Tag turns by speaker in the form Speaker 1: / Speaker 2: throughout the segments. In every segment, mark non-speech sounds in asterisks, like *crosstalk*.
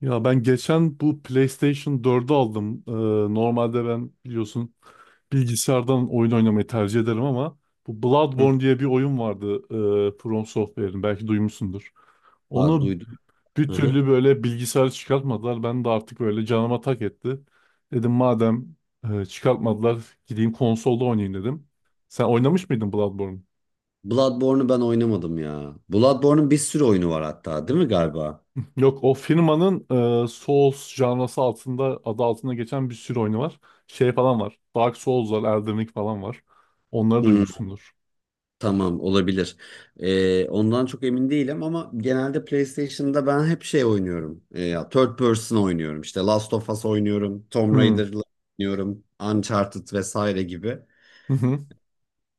Speaker 1: Ya ben geçen bu PlayStation 4'ü aldım. Normalde ben biliyorsun bilgisayardan oyun oynamayı tercih ederim ama bu
Speaker 2: Hı.
Speaker 1: Bloodborne diye bir oyun vardı, From Software'in, belki duymuşsundur.
Speaker 2: Aa,
Speaker 1: Onu
Speaker 2: duydum.
Speaker 1: bir
Speaker 2: Hı hı.
Speaker 1: türlü böyle bilgisayarı çıkartmadılar. Ben de artık böyle canıma tak etti. Dedim madem çıkartmadılar gideyim konsolda oynayayım dedim. Sen oynamış mıydın Bloodborne?
Speaker 2: Bloodborne'u ben oynamadım ya. Bloodborne'un bir sürü oyunu var hatta, değil mi, galiba?
Speaker 1: Yok o firmanın Souls janrası altında adı altında geçen bir sürü oyunu var. Şey falan var. Dark Souls var, Elden Ring falan var. Onları
Speaker 2: Hı,
Speaker 1: duymuşsundur.
Speaker 2: tamam, olabilir. Ondan çok emin değilim ama genelde PlayStation'da ben hep şey oynuyorum. Ya third person oynuyorum. İşte Last of Us oynuyorum, Tomb
Speaker 1: Hmm.
Speaker 2: Raider'la oynuyorum, Uncharted vesaire gibi.
Speaker 1: Hı hı.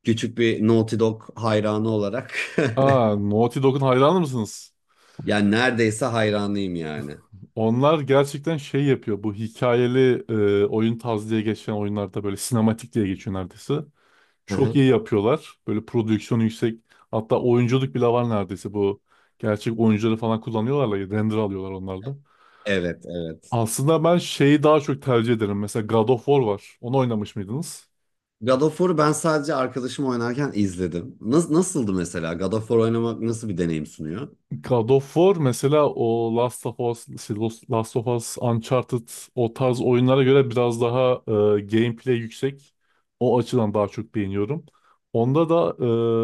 Speaker 2: Küçük bir Naughty Dog hayranı olarak
Speaker 1: Aa, Naughty Dog'un hayranı mısınız?
Speaker 2: *laughs* yani neredeyse hayranıyım yani.
Speaker 1: Onlar gerçekten şey yapıyor. Bu hikayeli oyun tarzı diye geçen oyunlarda böyle sinematik diye geçiyor neredeyse.
Speaker 2: Hı
Speaker 1: Çok
Speaker 2: hı.
Speaker 1: iyi yapıyorlar. Böyle prodüksiyonu yüksek. Hatta oyunculuk bile var neredeyse bu. Gerçek oyuncuları falan kullanıyorlar. Render alıyorlar onlarda.
Speaker 2: Evet, evet.
Speaker 1: Aslında ben şeyi daha çok tercih ederim. Mesela God of War var. Onu oynamış mıydınız?
Speaker 2: God of War'u ben sadece arkadaşım oynarken izledim. Nasıldı mesela? God of War oynamak nasıl bir deneyim sunuyor?
Speaker 1: God of War mesela o Last of Us, şey, Last of Us, Uncharted o tarz oyunlara göre biraz daha gameplay yüksek. O açıdan daha çok beğeniyorum. Onda da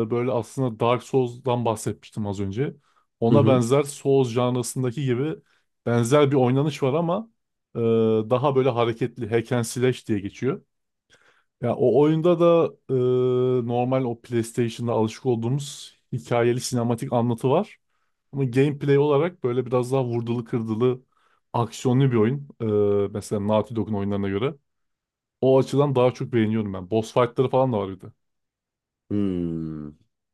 Speaker 1: böyle aslında Dark Souls'dan bahsetmiştim az önce.
Speaker 2: Hı
Speaker 1: Ona
Speaker 2: hı.
Speaker 1: benzer Souls janrasındaki gibi benzer bir oynanış var ama e, daha böyle hareketli hack and slash diye geçiyor. Ya o oyunda da normal o PlayStation'da alışık olduğumuz hikayeli sinematik anlatı var. Ama gameplay olarak böyle biraz daha vurdulu kırdılı aksiyonlu bir oyun. Mesela Naughty Dog'un oyunlarına göre. O açıdan daha çok beğeniyorum ben. Boss fight'ları falan da var bir de.
Speaker 2: Hmm,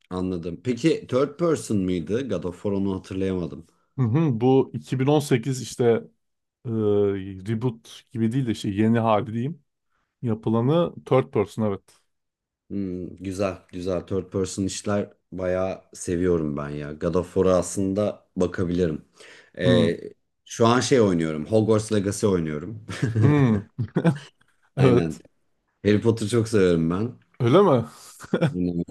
Speaker 2: anladım. Peki third person mıydı? God of War, onu hatırlayamadım.
Speaker 1: Hı hı, bu 2018 işte e, reboot gibi değil de işte yeni hali diyeyim. Yapılanı third person evet.
Speaker 2: Hmm, güzel, güzel. Third person işler bayağı seviyorum ben ya. God of War'a aslında bakabilirim.
Speaker 1: Hı,
Speaker 2: Ee, şu an şey oynuyorum. Hogwarts Legacy oynuyorum.
Speaker 1: hı,
Speaker 2: *laughs* Aynen.
Speaker 1: evet.
Speaker 2: Harry Potter çok seviyorum ben.
Speaker 1: Öyle mi?
Speaker 2: Bilmiyorum.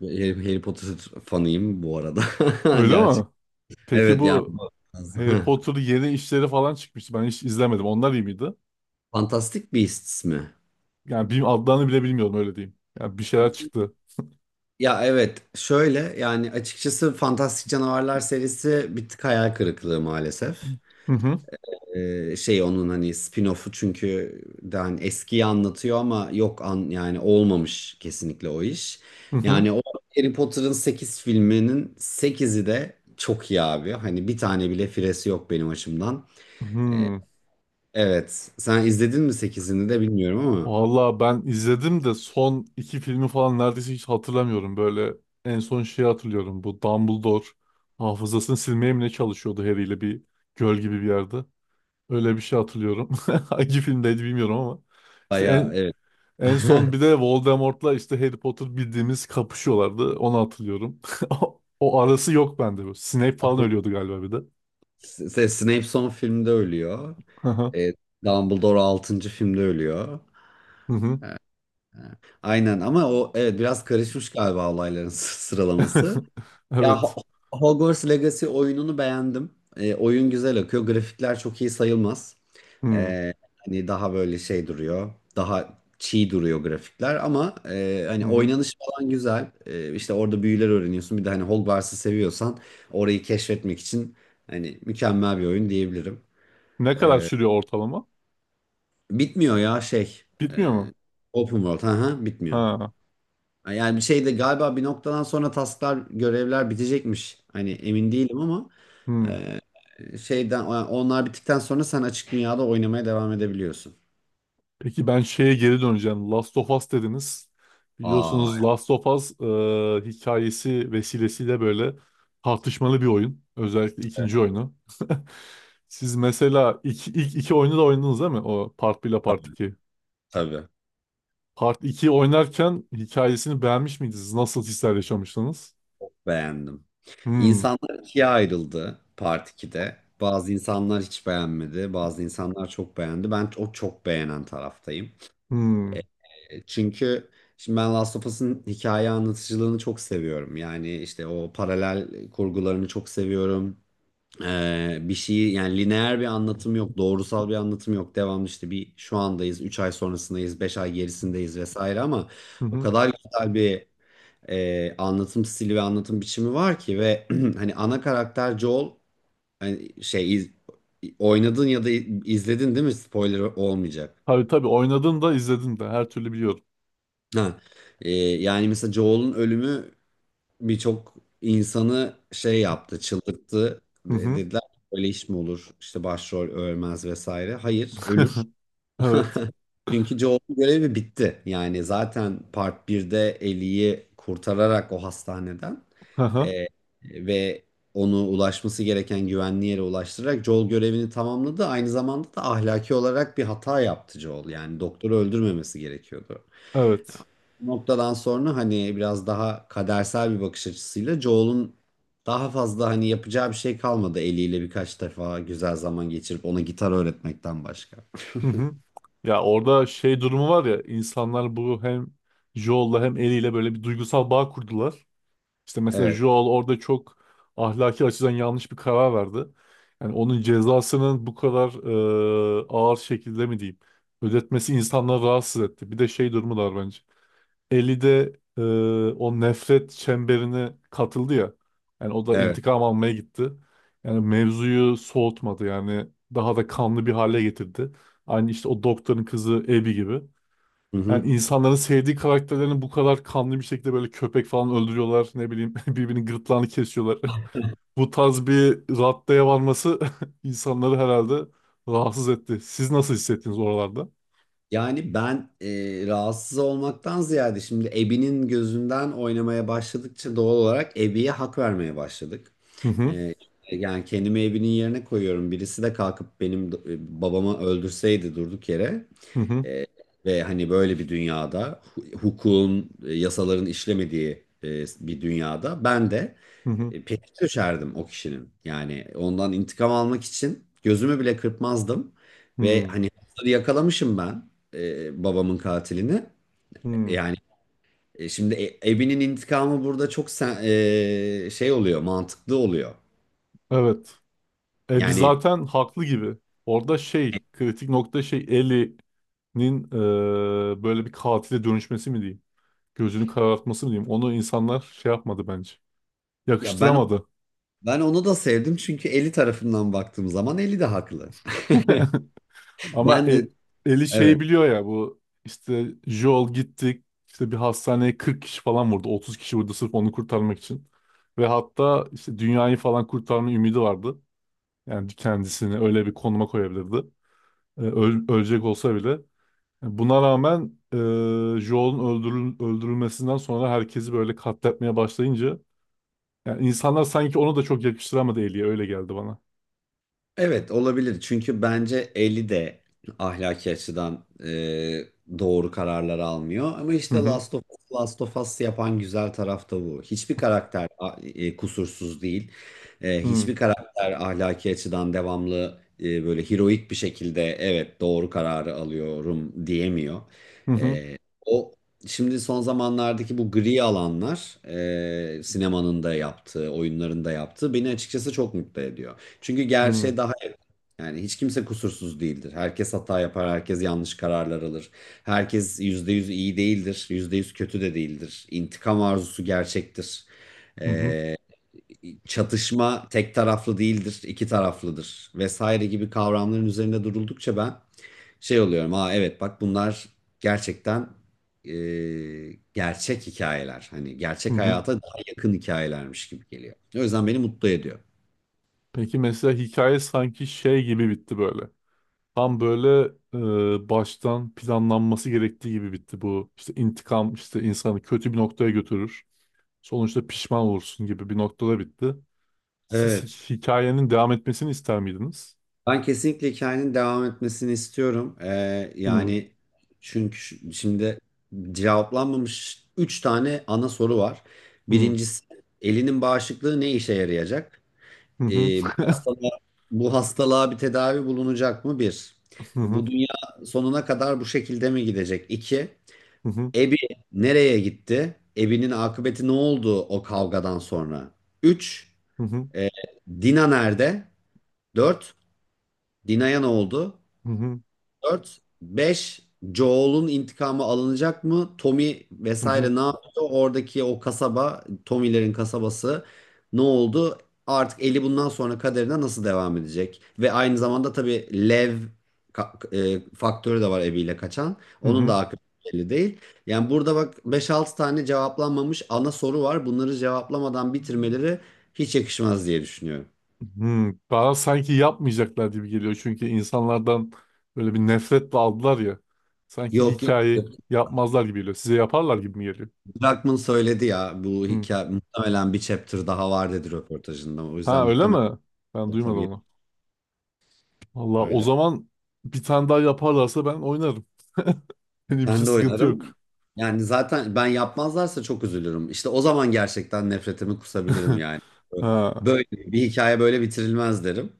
Speaker 2: Harry Potter fanıyım bu arada. *laughs*
Speaker 1: Öyle mi?
Speaker 2: Gerçekten.
Speaker 1: Peki
Speaker 2: Evet, yani
Speaker 1: bu
Speaker 2: bu- *laughs*
Speaker 1: Harry
Speaker 2: Heh.
Speaker 1: Potter'ın yeni işleri falan çıkmıştı. Ben hiç izlemedim. Onlar iyi miydi?
Speaker 2: Fantastic Beasts mi?
Speaker 1: Yani bir adlarını bile bilmiyorum öyle diyeyim. Yani bir şeyler çıktı.
Speaker 2: Ya, evet, şöyle yani açıkçası Fantastik Canavarlar serisi bir tık hayal kırıklığı maalesef.
Speaker 1: Hı hı.
Speaker 2: Şey, onun hani spin-off'u çünkü de hani eskiyi anlatıyor ama yok an yani olmamış kesinlikle o iş.
Speaker 1: Hı hı.
Speaker 2: Yani o Harry Potter'ın 8 filminin sekizi de çok iyi abi. Hani bir tane bile firesi yok benim açımdan. Ee,
Speaker 1: Hı.
Speaker 2: evet, sen izledin mi sekizini de bilmiyorum ama
Speaker 1: Valla ben izledim de son iki filmi falan neredeyse hiç hatırlamıyorum. Böyle en son şeyi hatırlıyorum. Bu Dumbledore hafızasını silmeye mi ne çalışıyordu Harry ile bir göl gibi bir yerde. Öyle bir şey hatırlıyorum. *laughs* Hangi filmdeydi bilmiyorum ama. İşte
Speaker 2: baya
Speaker 1: en,
Speaker 2: evet.
Speaker 1: En son bir de Voldemort'la işte Harry Potter bildiğimiz kapışıyorlardı. Onu hatırlıyorum. *laughs* O arası yok bende bu. Snape falan ölüyordu galiba bir de.
Speaker 2: Snape son filmde ölüyor.
Speaker 1: Hı hı.
Speaker 2: E, Dumbledore altıncı filmde ölüyor.
Speaker 1: Hı hı.
Speaker 2: Aynen ama o, evet, biraz karışmış galiba olayların *laughs* sıralaması.
Speaker 1: *laughs*
Speaker 2: Ya,
Speaker 1: Evet.
Speaker 2: Hogwarts Legacy oyununu beğendim. Oyun güzel akıyor. Grafikler çok iyi sayılmaz.
Speaker 1: Hı
Speaker 2: E, hani daha böyle şey duruyor. Daha çiğ duruyor grafikler ama hani
Speaker 1: hı. Hı.
Speaker 2: oynanış falan güzel. İşte orada büyüler öğreniyorsun. Bir de hani Hogwarts'ı seviyorsan orayı keşfetmek için hani mükemmel bir oyun diyebilirim.
Speaker 1: Ne kadar sürüyor ortalama?
Speaker 2: Bitmiyor ya şey. e,
Speaker 1: Bitmiyor mu?
Speaker 2: Open world. Hı hı, bitmiyor.
Speaker 1: Ha.
Speaker 2: Yani bir şey de galiba bir noktadan sonra tasklar, görevler bitecekmiş. Hani emin değilim ama
Speaker 1: Hı.
Speaker 2: şeyden onlar bittikten sonra sen açık dünyada oynamaya devam edebiliyorsun.
Speaker 1: Peki ben şeye geri döneceğim. Last of Us dediniz.
Speaker 2: Aa,
Speaker 1: Biliyorsunuz Last of Us, hikayesi vesilesiyle böyle tartışmalı bir oyun. Özellikle ikinci oyunu. *laughs* Siz mesela ilk iki oyunu da oynadınız değil mi? O Part 1 ile Part
Speaker 2: tabii,
Speaker 1: 2.
Speaker 2: tabii.
Speaker 1: Part 2'yi oynarken hikayesini beğenmiş miydiniz? Nasıl hisler yaşamıştınız?
Speaker 2: Beğendim.
Speaker 1: Hmm.
Speaker 2: İnsanlar ikiye ayrıldı Part 2'de. Bazı insanlar hiç beğenmedi, bazı insanlar çok beğendi. Ben o çok beğenen taraftayım.
Speaker 1: Hmm.
Speaker 2: Çünkü şimdi ben Last of Us'ın hikaye anlatıcılığını çok seviyorum. Yani işte o paralel kurgularını çok seviyorum. Bir şeyi, yani lineer bir anlatım yok, doğrusal bir anlatım yok. Devamlı işte bir şu andayız, 3 ay sonrasındayız, 5 ay gerisindeyiz vesaire ama
Speaker 1: Hı
Speaker 2: o
Speaker 1: hı.
Speaker 2: kadar güzel bir anlatım stili ve anlatım biçimi var ki ve *clears throat* hani ana karakter Joel, hani şey, oynadın ya da izledin, değil mi? Spoiler olmayacak.
Speaker 1: Tabii tabii oynadım da izledim de her türlü biliyorum.
Speaker 2: Ha. Yani mesela Joel'un ölümü birçok insanı şey yaptı, çıldırttı.
Speaker 1: Hı hı.
Speaker 2: Dediler ki, böyle iş mi olur? İşte başrol ölmez vesaire. Hayır, ölür.
Speaker 1: *laughs*
Speaker 2: *laughs*
Speaker 1: Evet.
Speaker 2: Çünkü Joel'un görevi bitti. Yani zaten Part birde Ellie'yi kurtararak o hastaneden,
Speaker 1: Hı hı.
Speaker 2: e, ve onu ulaşması gereken güvenli yere ulaştırarak Joel görevini tamamladı. Aynı zamanda da ahlaki olarak bir hata yaptı Joel. Yani doktoru öldürmemesi gerekiyordu.
Speaker 1: Evet.
Speaker 2: Noktadan sonra hani biraz daha kadersel bir bakış açısıyla Joel'un daha fazla hani yapacağı bir şey kalmadı, eliyle birkaç defa güzel zaman geçirip ona gitar öğretmekten başka.
Speaker 1: Hı hı. Ya orada şey durumu var ya, insanlar bu hem Joel'la hem Ellie'yle böyle bir duygusal bağ kurdular. İşte mesela
Speaker 2: Evet,
Speaker 1: Joel orada çok ahlaki açıdan yanlış bir karar verdi. Yani onun cezasının bu kadar ağır şekilde mi diyeyim ödetmesi insanları rahatsız etti. Bir de şey durumu da var bence. Eli de o nefret çemberine katıldı ya. Yani o da
Speaker 2: evet.
Speaker 1: intikam almaya gitti. Yani mevzuyu soğutmadı yani daha da kanlı bir hale getirdi. Aynı işte o doktorun kızı Abby gibi.
Speaker 2: Hı hı.
Speaker 1: Yani insanların sevdiği karakterlerini bu kadar kanlı bir şekilde böyle köpek falan öldürüyorlar. Ne bileyim *laughs* birbirinin gırtlağını kesiyorlar. *laughs* Bu tarz bir raddeye varması *laughs* insanları herhalde rahatsız etti. Siz nasıl hissettiniz oralarda?
Speaker 2: Yani ben, rahatsız olmaktan ziyade şimdi Ebi'nin gözünden oynamaya başladıkça doğal olarak Ebi'ye hak vermeye başladık.
Speaker 1: Hı hı.
Speaker 2: E, yani kendimi Ebi'nin yerine koyuyorum. Birisi de kalkıp benim babamı öldürseydi durduk yere.
Speaker 1: Hı hı.
Speaker 2: E, ve hani böyle bir dünyada, hukukun, yasaların işlemediği bir dünyada ben de
Speaker 1: Hı hı.
Speaker 2: peşine düşerdim o kişinin. Yani ondan intikam almak için gözümü bile kırpmazdım. Ve
Speaker 1: Hı.
Speaker 2: hani hırsızı yakalamışım ben, babamın katilini. E,
Speaker 1: Hı.
Speaker 2: Yani şimdi, Ebi'nin intikamı burada çok şey oluyor, mantıklı oluyor.
Speaker 1: Evet. Biz
Speaker 2: Yani,
Speaker 1: zaten haklı gibi. Orada şey, kritik nokta şey Ellie'nin böyle bir katile dönüşmesi mi diyeyim? Gözünü karartması mı diyeyim? Onu insanlar şey yapmadı bence.
Speaker 2: ya, ben
Speaker 1: Yakıştıramadı.
Speaker 2: ben onu da sevdim çünkü Eli tarafından baktığım zaman Eli de haklı.
Speaker 1: *laughs*
Speaker 2: *laughs*
Speaker 1: Ama
Speaker 2: Ben de
Speaker 1: Ellie
Speaker 2: evet.
Speaker 1: şeyi biliyor ya, bu işte Joel gitti işte bir hastaneye 40 kişi falan vurdu. 30 kişi vurdu sırf onu kurtarmak için. Ve hatta işte dünyayı falan kurtarma ümidi vardı. Yani kendisini öyle bir konuma koyabilirdi. Ölecek olsa bile. Buna rağmen Joel'un öldürülmesinden sonra herkesi böyle katletmeye başlayınca yani insanlar sanki onu da çok yakıştıramadı, Ellie'ye öyle geldi bana.
Speaker 2: Evet, olabilir çünkü bence Ellie de ahlaki açıdan doğru kararlar almıyor. Ama
Speaker 1: Hı
Speaker 2: işte
Speaker 1: hı.
Speaker 2: Last of Us, Last of Us yapan güzel taraf da bu. Hiçbir karakter kusursuz değil.
Speaker 1: Hı
Speaker 2: Hiçbir karakter ahlaki açıdan devamlı böyle heroik bir şekilde, evet, doğru kararı alıyorum diyemiyor.
Speaker 1: hı.
Speaker 2: E, o şimdi son zamanlardaki bu gri alanlar, sinemanın da yaptığı, oyunların da yaptığı, beni açıkçası çok mutlu ediyor. Çünkü
Speaker 1: Hı hı.
Speaker 2: gerçeğe daha, yani, hiç kimse kusursuz değildir. Herkes hata yapar, herkes yanlış kararlar alır. Herkes %100 iyi değildir, %100 kötü de değildir. İntikam arzusu gerçektir.
Speaker 1: Hı hı.
Speaker 2: Çatışma tek taraflı değildir, iki taraflıdır vesaire gibi kavramların üzerinde duruldukça ben şey oluyorum. Aa, evet, bak, bunlar gerçekten, e, gerçek hikayeler. Hani
Speaker 1: Hı
Speaker 2: gerçek
Speaker 1: hı.
Speaker 2: hayata daha yakın hikayelermiş gibi geliyor. O yüzden beni mutlu ediyor.
Speaker 1: Peki mesela hikaye sanki şey gibi bitti böyle. Tam böyle baştan planlanması gerektiği gibi bitti bu. İşte intikam işte insanı kötü bir noktaya götürür. Sonuçta pişman olursun gibi bir noktada bitti. Siz
Speaker 2: Evet.
Speaker 1: hikayenin devam etmesini ister miydiniz?
Speaker 2: Ben kesinlikle hikayenin devam etmesini istiyorum.
Speaker 1: Hı
Speaker 2: Yani çünkü şimdi cevaplanmamış 3 tane ana soru var.
Speaker 1: hı.
Speaker 2: Birincisi, elinin bağışıklığı ne işe yarayacak?
Speaker 1: Hı hı.
Speaker 2: Bu
Speaker 1: *laughs*
Speaker 2: hastalığa, bir tedavi bulunacak mı? Bir.
Speaker 1: Hı hı.
Speaker 2: Bu dünya sonuna kadar bu şekilde mi gidecek? İki.
Speaker 1: Hı hı.
Speaker 2: Ebi nereye gitti? Ebi'nin akıbeti ne oldu o kavgadan sonra? Üç.
Speaker 1: Hı hı.
Speaker 2: Dina nerede? Dört. Dina'ya ne oldu?
Speaker 1: Hı hı.
Speaker 2: 4, 5, Joel'un intikamı alınacak mı? Tommy
Speaker 1: Hı
Speaker 2: vesaire
Speaker 1: hı.
Speaker 2: ne yapıyor? Oradaki o kasaba, Tommy'lerin kasabası ne oldu? Artık Eli bundan sonra kaderine nasıl devam edecek? Ve aynı zamanda tabii Lev ka- faktörü de var, eviyle kaçan.
Speaker 1: Hı
Speaker 2: Onun
Speaker 1: hı.
Speaker 2: da akıbeti belli değil. Yani burada bak beş altı tane cevaplanmamış ana soru var. Bunları cevaplamadan bitirmeleri hiç yakışmaz diye düşünüyorum.
Speaker 1: Hı. Daha sanki yapmayacaklar gibi geliyor. Çünkü insanlardan böyle bir nefretle aldılar ya. Sanki
Speaker 2: Yok, yok.
Speaker 1: hikayeyi yapmazlar gibi geliyor. Size yaparlar gibi mi geliyor?
Speaker 2: Druckmann söyledi ya, bu
Speaker 1: Hı.
Speaker 2: hikaye muhtemelen bir chapter daha var dedi röportajında. O yüzden
Speaker 1: Ha, öyle
Speaker 2: muhtemelen,
Speaker 1: mi? Ben duymadım
Speaker 2: tabii,
Speaker 1: onu. Valla o
Speaker 2: öyle.
Speaker 1: zaman bir tane daha yaparlarsa ben oynarım. *laughs* Benim için
Speaker 2: Ben de
Speaker 1: sıkıntı
Speaker 2: oynarım.
Speaker 1: yok.
Speaker 2: Yani zaten ben, yapmazlarsa çok üzülürüm. İşte o zaman gerçekten nefretimi kusabilirim
Speaker 1: *laughs*
Speaker 2: yani.
Speaker 1: Ha,
Speaker 2: Böyle bir hikaye böyle bitirilmez derim.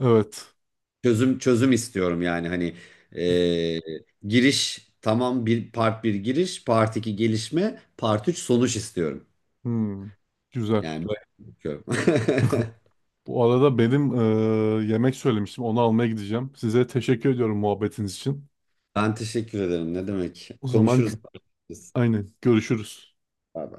Speaker 1: evet.
Speaker 2: Çözüm, çözüm istiyorum yani hani, e, giriş, tamam, bir part bir giriş, part 2 gelişme, part 3 sonuç istiyorum.
Speaker 1: Hmm. Güzel.
Speaker 2: Yani böyle bakıyorum. *laughs*
Speaker 1: Bu arada benim yemek söylemiştim. Onu almaya gideceğim. Size teşekkür ediyorum muhabbetiniz için.
Speaker 2: Ben teşekkür ederim. Ne demek?
Speaker 1: O zaman
Speaker 2: Konuşuruz.
Speaker 1: aynen görüşürüz.
Speaker 2: Abi